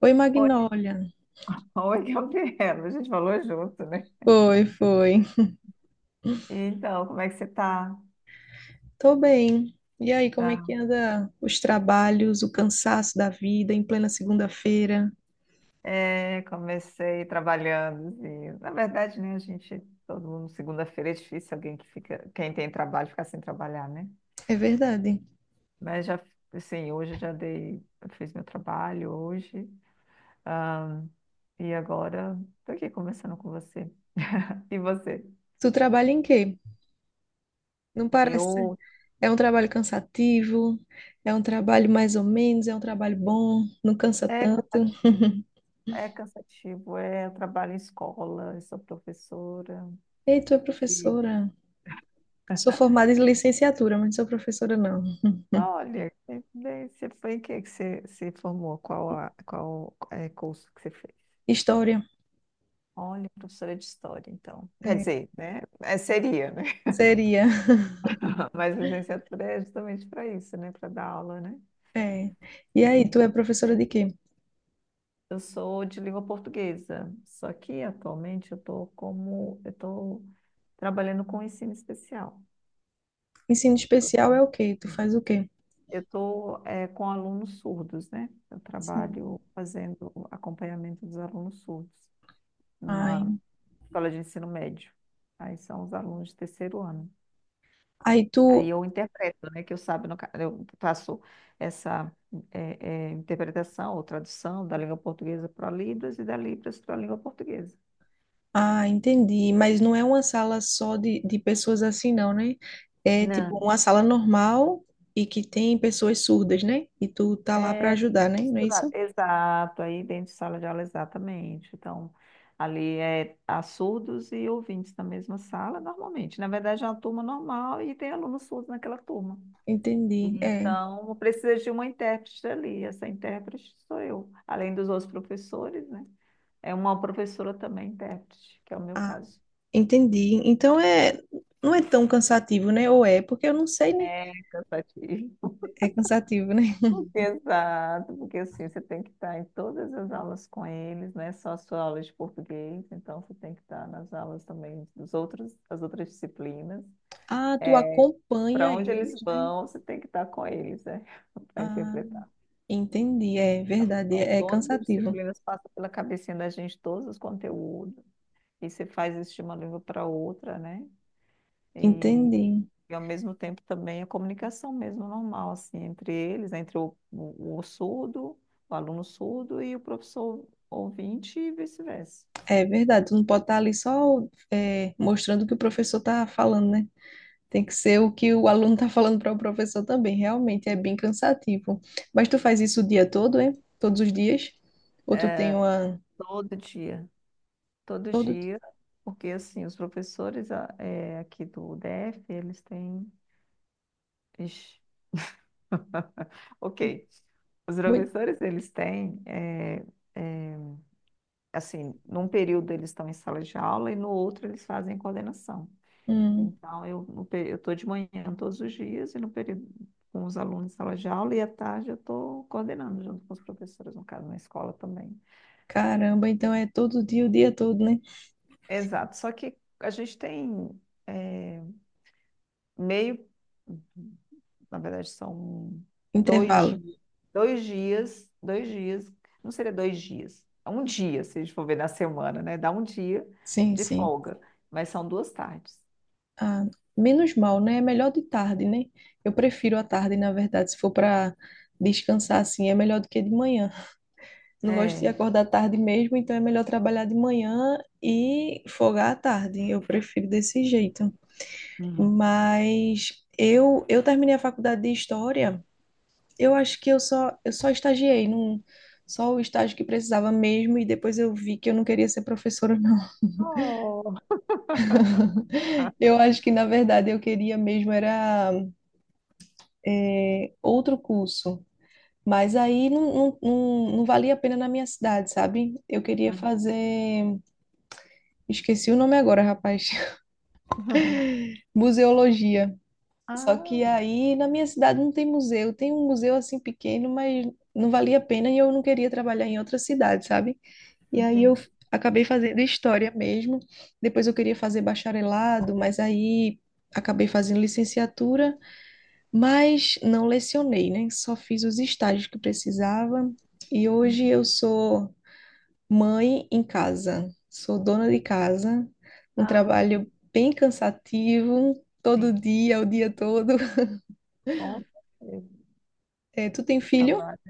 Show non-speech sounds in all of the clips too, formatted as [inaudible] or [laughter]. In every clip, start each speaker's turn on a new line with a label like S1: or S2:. S1: Oi,
S2: Oi,
S1: Magnólia.
S2: [laughs] oi, Gabriela. A gente falou junto, né?
S1: Foi, foi.
S2: Então, como é que você tá?
S1: Tô bem. E aí, como é que
S2: Ah,
S1: anda os trabalhos, o cansaço da vida em plena segunda-feira?
S2: é, comecei trabalhando, assim. Na verdade, né, a gente, todo mundo, segunda-feira é difícil alguém que fica, quem tem trabalho ficar sem trabalhar, né?
S1: É verdade.
S2: Mas já, assim, hoje eu já dei, eu fiz meu trabalho hoje. Ah, e agora tô aqui conversando com você. [laughs] E você?
S1: Tu trabalha em quê? Não parece.
S2: Eu
S1: É um trabalho cansativo, é um trabalho mais ou menos, é um trabalho bom, não cansa
S2: É
S1: tanto.
S2: cansativo, eu trabalho em escola, eu sou professora.
S1: Ei, tu é professora. Sou formada em licenciatura, mas não sou professora, não.
S2: Olha, bem, você foi em que você se formou? Qual é, curso que você fez?
S1: História.
S2: Olha, professora de história, então. Quer
S1: É,
S2: dizer, né? Seria, né?
S1: seria.
S2: [laughs] Mas licenciatura é justamente para isso, né? Para dar aula, né?
S1: É. E aí, tu é professora de quê?
S2: Eu sou de língua portuguesa, só que atualmente eu estou trabalhando com ensino especial.
S1: Ensino especial é o quê? Tu
S2: Sim.
S1: faz o quê?
S2: Eu estou com alunos surdos, né? Eu
S1: Sim.
S2: trabalho fazendo acompanhamento dos alunos surdos numa
S1: Ai.
S2: escola de ensino médio. Aí são os alunos de terceiro ano.
S1: Aí
S2: Aí
S1: tu.
S2: eu interpreto, né? Que eu sabe, no, ca- eu faço essa interpretação ou tradução da língua portuguesa para Libras e da Libras para a língua portuguesa.
S1: Ah, entendi. Mas não é uma sala só de pessoas assim, não, né? É
S2: Não.
S1: tipo uma sala normal e que tem pessoas surdas, né? E tu tá lá para
S2: É
S1: ajudar, né? Não é
S2: misturado.
S1: isso?
S2: Exato, aí dentro de sala de aula, exatamente. Então, ali há surdos e ouvintes na mesma sala, normalmente. Na verdade, é uma turma normal e tem alunos surdos naquela turma.
S1: Entendi. É.
S2: Então, precisa de uma intérprete ali. Essa intérprete sou eu, além dos outros professores, né? É uma professora também intérprete, que é o meu
S1: Ah,
S2: caso.
S1: entendi. Então é. Não é tão cansativo, né? Ou é? Porque eu não sei, né?
S2: É cansativo.
S1: É cansativo, né? [laughs]
S2: [laughs] Exato, porque assim, você tem que estar em todas as aulas com eles, não é só a sua aula de português, então você tem que estar nas aulas também dos outros, das outras disciplinas.
S1: Ah, tu
S2: Para
S1: acompanha
S2: onde eles
S1: eles, né?
S2: vão, você tem que estar com eles, né? [laughs] Para
S1: Ah,
S2: interpretar.
S1: entendi. É verdade.
S2: Então,
S1: É
S2: todas as
S1: cansativo.
S2: disciplinas passam pela cabecinha da gente, todos os conteúdos. E você faz isso de uma língua para outra, né? E,
S1: Entendi.
S2: ao mesmo tempo também a comunicação mesmo normal, assim, entre eles, entre o surdo, o aluno surdo e o professor ouvinte e vice-versa.
S1: É verdade, tu não pode estar ali só mostrando o que o professor está falando, né? Tem que ser o que o aluno está falando para o professor também. Realmente é bem cansativo. Mas tu faz isso o dia todo, hein? Todos os dias? Ou tu tem uma.
S2: Todo dia, todo
S1: Todo.
S2: dia, porque assim, os professores aqui do DF, eles têm. Ixi. [laughs] Ok. Os
S1: Muito.
S2: professores, eles têm, eh, assim, num período eles estão em sala de aula e no outro eles fazem coordenação.
S1: Hum,
S2: Então, eu no pe- eu estou de manhã todos os dias e no período com os alunos em sala de aula e à tarde eu estou coordenando junto com os professores, no caso, na escola também.
S1: caramba, então é todo dia, o dia todo, né?
S2: Exato, só que a gente tem eh, meio, na verdade, são dois
S1: Intervalo.
S2: dias, dois dias, dois dias, não seria dois dias, é um dia, se a gente for ver na semana, né? Dá um dia
S1: Sim,
S2: de
S1: sim.
S2: folga, mas são duas tardes.
S1: Ah, menos mal, né? É melhor de tarde, né? Eu prefiro a tarde, na verdade, se for para descansar assim, é melhor do que de manhã. Não gosto de
S2: É.
S1: acordar tarde mesmo, então é melhor trabalhar de manhã e folgar à tarde. Eu prefiro desse jeito.
S2: Hum.
S1: Mas eu terminei a faculdade de história. Eu acho que eu só estagiei num só o estágio que precisava mesmo e depois eu vi que eu não queria ser professora, não.
S2: Oh.
S1: [laughs] Eu acho que na verdade eu queria mesmo era outro curso. Mas aí não, não, não, não valia a pena na minha cidade, sabe? Eu queria fazer. Esqueci o nome agora, rapaz.
S2: [laughs]
S1: Museologia. Só que
S2: Ah,
S1: aí na minha cidade não tem museu, tem um museu assim pequeno, mas não valia a pena e eu não queria trabalhar em outra cidade, sabe? E aí eu
S2: entendi.
S1: acabei fazendo história mesmo. Depois eu queria fazer bacharelado, mas aí acabei fazendo licenciatura, mas não lecionei, né? Só fiz os estágios que precisava. E hoje eu sou mãe em casa, sou dona de casa, um
S2: Ah,
S1: trabalho bem cansativo, todo
S2: sim,
S1: dia, o dia todo. [laughs]
S2: com certeza.
S1: É, tu tem filho?
S2: Trabalho.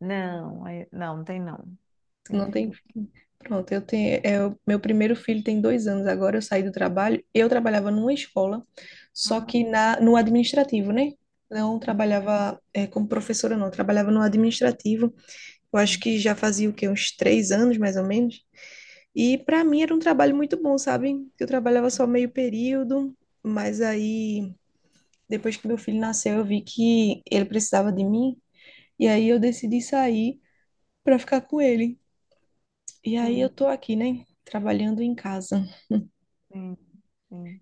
S2: Não, não, não tem não.
S1: Tu
S2: Tem
S1: não tem
S2: filho.
S1: filho? Pronto, eu tenho. O meu primeiro filho tem 2 anos. Agora eu saí do trabalho. Eu trabalhava numa escola, só
S2: Ah,
S1: que na, no administrativo, né? Não
S2: assim.
S1: trabalhava, é, como professora, não. Eu trabalhava no administrativo. Eu acho
S2: Sim,
S1: que já fazia o quê? Uns 3 anos, mais ou menos. E para mim era um trabalho muito bom, sabe? Eu trabalhava só meio período, mas aí depois que meu filho nasceu, eu vi que ele precisava de mim, e aí eu decidi sair para ficar com ele. E aí eu
S2: sim,
S1: tô aqui, né, trabalhando em casa.
S2: sim, sim.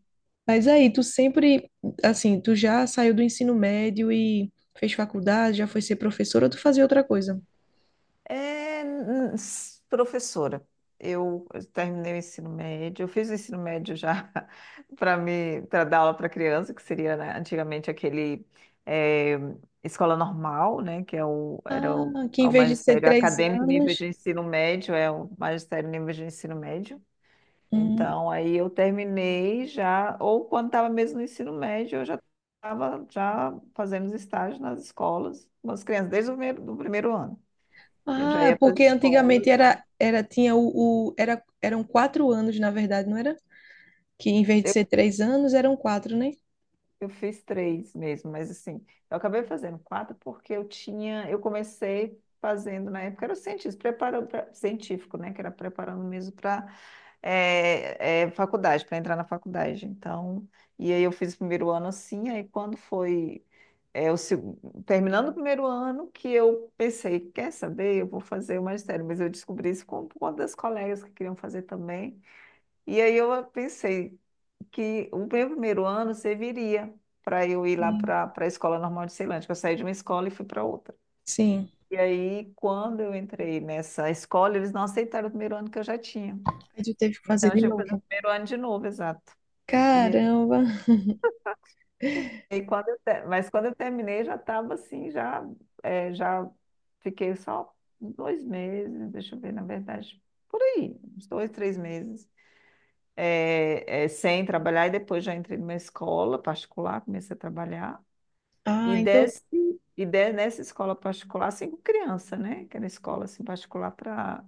S1: Mas aí assim, tu já saiu do ensino médio e fez faculdade, já foi ser professora, ou tu fazia outra coisa?
S2: É, professora, eu terminei o ensino médio, eu fiz o ensino médio já [laughs] para dar aula para criança, que seria, né, antigamente aquele é, escola normal, né, que é o, era o,
S1: Ah, que
S2: é
S1: em
S2: o
S1: vez de ser
S2: magistério
S1: três
S2: acadêmico nível
S1: anos,
S2: de ensino médio, é o magistério nível de ensino médio.
S1: hum,
S2: Então, aí eu terminei já, ou quando estava mesmo no ensino médio, eu já estava já fazendo os estágios nas escolas, com as crianças, desde o primeiro, do primeiro ano. Eu já
S1: Ah,
S2: ia para as
S1: porque antigamente
S2: escolas, já.
S1: era tinha eram 4 anos, na verdade, não era? Que em vez de
S2: Eu,
S1: ser três anos, eram quatro, né?
S2: eu fiz três mesmo, mas assim, eu acabei fazendo quatro porque eu comecei fazendo na época, era cientista, preparando científico, né? Que era preparando mesmo para faculdade, para entrar na faculdade. Então, e aí eu fiz o primeiro ano assim, aí quando foi É o seg- terminando o primeiro ano que eu pensei, quer saber, eu vou fazer o magistério, mas eu descobri isso com por conta das colegas que queriam fazer também. E aí eu pensei que o meu primeiro ano serviria para eu ir lá
S1: Sim.
S2: para a Escola Normal de Ceilândia, que eu saí de uma escola e fui para outra.
S1: Sim.
S2: E aí, quando eu entrei nessa escola, eles não aceitaram o primeiro ano que eu já tinha.
S1: Aí tu teve que fazer
S2: Então, eu
S1: de
S2: tive que fazer o
S1: novo.
S2: primeiro ano de novo, exato.
S1: Caramba.
S2: Mas quando eu terminei, já estava assim, já, já fiquei só 2 meses, deixa eu ver, na verdade, por aí, uns dois, três meses, sem trabalhar, e depois já entrei numa escola particular, comecei a trabalhar, e
S1: Ah, então,
S2: desse, nessa escola particular, assim, com criança, né? Que era escola assim, particular para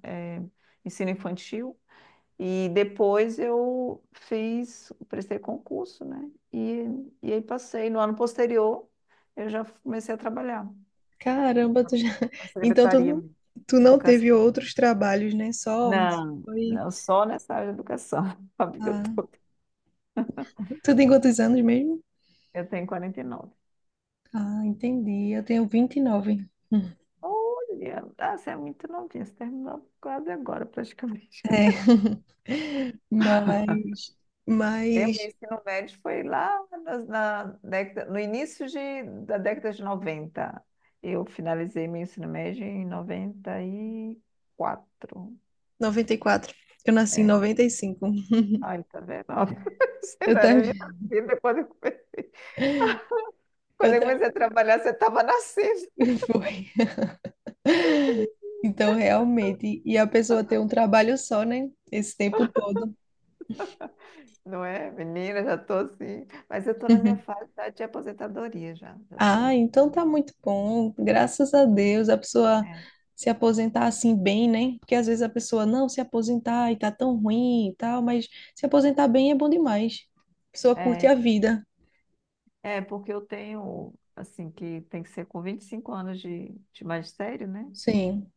S2: ensino infantil, e depois prestei concurso, né? E aí passei. No ano posterior, eu já comecei a trabalhar
S1: caramba, tu já...
S2: na
S1: [laughs] Então tu
S2: secretaria
S1: não,
S2: de
S1: tu não
S2: educação.
S1: teve outros trabalhos, né? Só
S2: Não,
S1: foi...
S2: não só nessa área de educação, [laughs] a vida
S1: Ah,
S2: toda.
S1: tu tem quantos anos mesmo?
S2: Eu tenho 49.
S1: Ah, entendi. Eu tenho 29.
S2: Olha, ah, você é muito novinha, você terminou quase agora, praticamente.
S1: [laughs] Mas,
S2: Eu, meu
S1: mas
S2: ensino médio foi lá década, no início da década de 90. Eu finalizei meu ensino médio em noventa e quatro.
S1: noventa e quatro. Eu nasci em
S2: É.
S1: noventa e cinco.
S2: Ai, tá vendo? [laughs] Você
S1: Eu
S2: não era nem
S1: também,
S2: nascida quando eu comecei. Quando
S1: eu
S2: eu comecei a
S1: também.
S2: trabalhar, você estava nascendo,
S1: [laughs] Foi. Então, realmente, e a pessoa tem um trabalho só, né? Esse tempo todo.
S2: não é? Menina, já tô assim. Mas eu tô na minha
S1: [laughs]
S2: fase já de aposentadoria já. Já
S1: Ah,
S2: tô.
S1: então tá muito bom. Graças a Deus, a pessoa
S2: É,
S1: se aposentar assim bem, né? Porque às vezes a pessoa não se aposentar e tá tão ruim e tal, mas se aposentar bem é bom demais. A pessoa curte
S2: é,
S1: a vida.
S2: é porque eu tenho, assim, que tem que ser com 25 anos de magistério, né?
S1: Sim.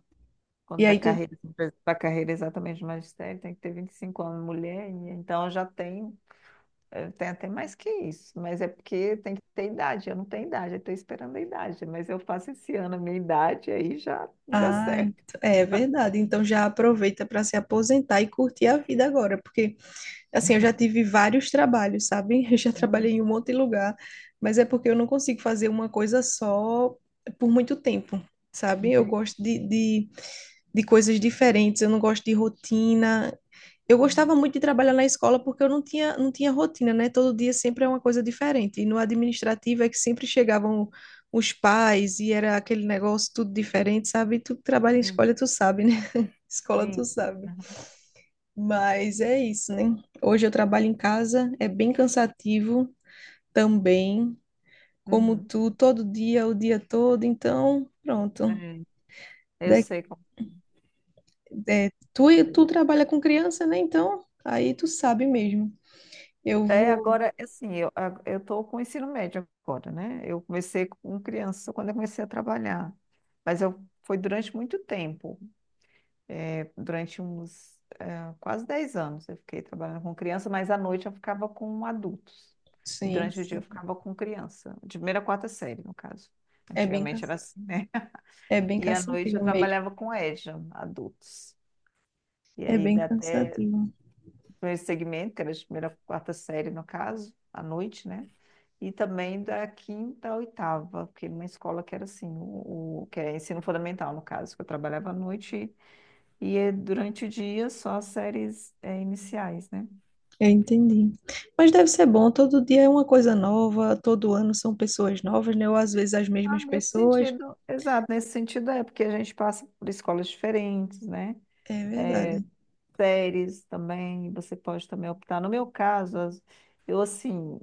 S2: Quanto
S1: E aí tu.
S2: da carreira exatamente de magistério, tem que ter 25 anos, mulher, e então eu tenho até mais que isso, mas é porque tem que ter idade, eu não tenho idade, eu estou esperando a idade, mas eu faço esse ano a minha idade, aí já dá
S1: Ah,
S2: certo.
S1: ent- é verdade. Então já aproveita para se aposentar e curtir a vida agora, porque Assim, eu já tive vários trabalhos, sabe? [laughs] Eu já
S2: Né?
S1: trabalhei em um monte de lugar, mas é porque eu não consigo fazer uma coisa só por muito tempo, sabe? Eu
S2: Entendi.
S1: gosto de, de coisas diferentes, eu não gosto de rotina. Eu gostava muito de trabalhar na escola porque eu não tinha, não tinha rotina, né? Todo dia sempre é uma coisa diferente. E no administrativo é que sempre chegavam os pais e era aquele negócio tudo diferente, sabe? Tu que trabalha em
S2: Sim,
S1: escola, tu sabe, né? [laughs] Escola, tu
S2: sim.
S1: sabe.
S2: Aham.
S1: Mas é isso, né? Hoje eu trabalho em casa, é bem cansativo também, como
S2: Uhum.
S1: tu, todo dia, o dia todo, então, pronto.
S2: É, eu
S1: De-
S2: sei como
S1: de- tu,
S2: foi.
S1: tu trabalha com criança, né? Então, aí tu sabe mesmo. Eu
S2: É,
S1: vou.
S2: agora, é assim, eu tô com o ensino médio agora, né? Eu comecei com criança quando eu comecei a trabalhar, mas foi durante muito tempo. É, durante uns quase 10 anos eu fiquei trabalhando com criança, mas à noite eu ficava com adultos. E
S1: Sim,
S2: durante o dia eu
S1: sim.
S2: ficava com criança, de primeira a quarta série, no caso.
S1: É bem,
S2: Antigamente
S1: cansa-
S2: era assim, né?
S1: é
S2: [laughs]
S1: bem
S2: E à noite eu
S1: cansativo mesmo.
S2: trabalhava com EJA, adultos. E
S1: É
S2: aí
S1: bem
S2: dá até
S1: cansativo.
S2: meu segmento, que era de primeira a quarta série, no caso, à noite, né? E também da quinta à oitava, porque numa escola que era assim, que era ensino fundamental, no caso, que eu trabalhava à noite e durante o dia só as séries iniciais, né?
S1: Eu entendi. Mas deve ser bom, todo dia é uma coisa nova, todo ano são pessoas novas, né? Ou às vezes as
S2: Ah,
S1: mesmas
S2: nesse
S1: pessoas.
S2: sentido. Exato, nesse sentido é, porque a gente passa por escolas diferentes, né?
S1: É verdade.
S2: Séries também, você pode também optar. No meu caso, eu assim,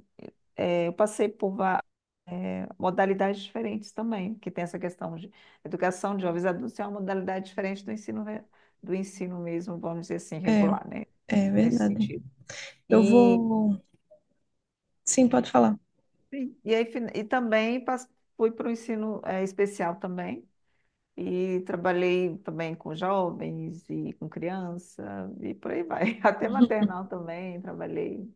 S2: eu passei por modalidades diferentes também, que tem essa questão de educação de jovens adultos, é uma modalidade diferente do ensino, do ensino mesmo, vamos dizer assim,
S1: É,
S2: regular, né?
S1: é
S2: Nesse
S1: verdade.
S2: sentido.
S1: Eu
S2: E
S1: vou. Sim, pode falar.
S2: sim. E aí, e também fui para o ensino especial também, e trabalhei também com jovens e com criança, e por aí vai. [laughs] Até
S1: [laughs]
S2: maternal também, trabalhei.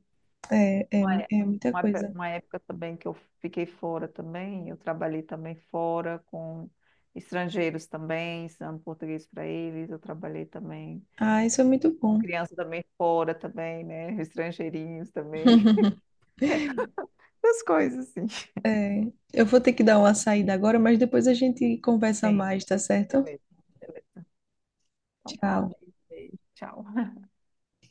S1: É, é,
S2: Uma, é-
S1: é muita
S2: uma pe-
S1: coisa.
S2: uma época também que eu fiquei fora também, eu trabalhei também fora com estrangeiros também, ensinando português para eles, eu trabalhei também
S1: Ah, isso é muito
S2: com
S1: bom.
S2: criança também fora também, né? Estrangeirinhos também, [laughs]
S1: [laughs]
S2: essas coisas assim.
S1: É, eu vou ter que dar uma saída agora, mas depois a gente conversa
S2: Sim,
S1: mais, tá certo?
S2: beleza. Então tá,
S1: Tchau.
S2: beijo, beijo, tchau.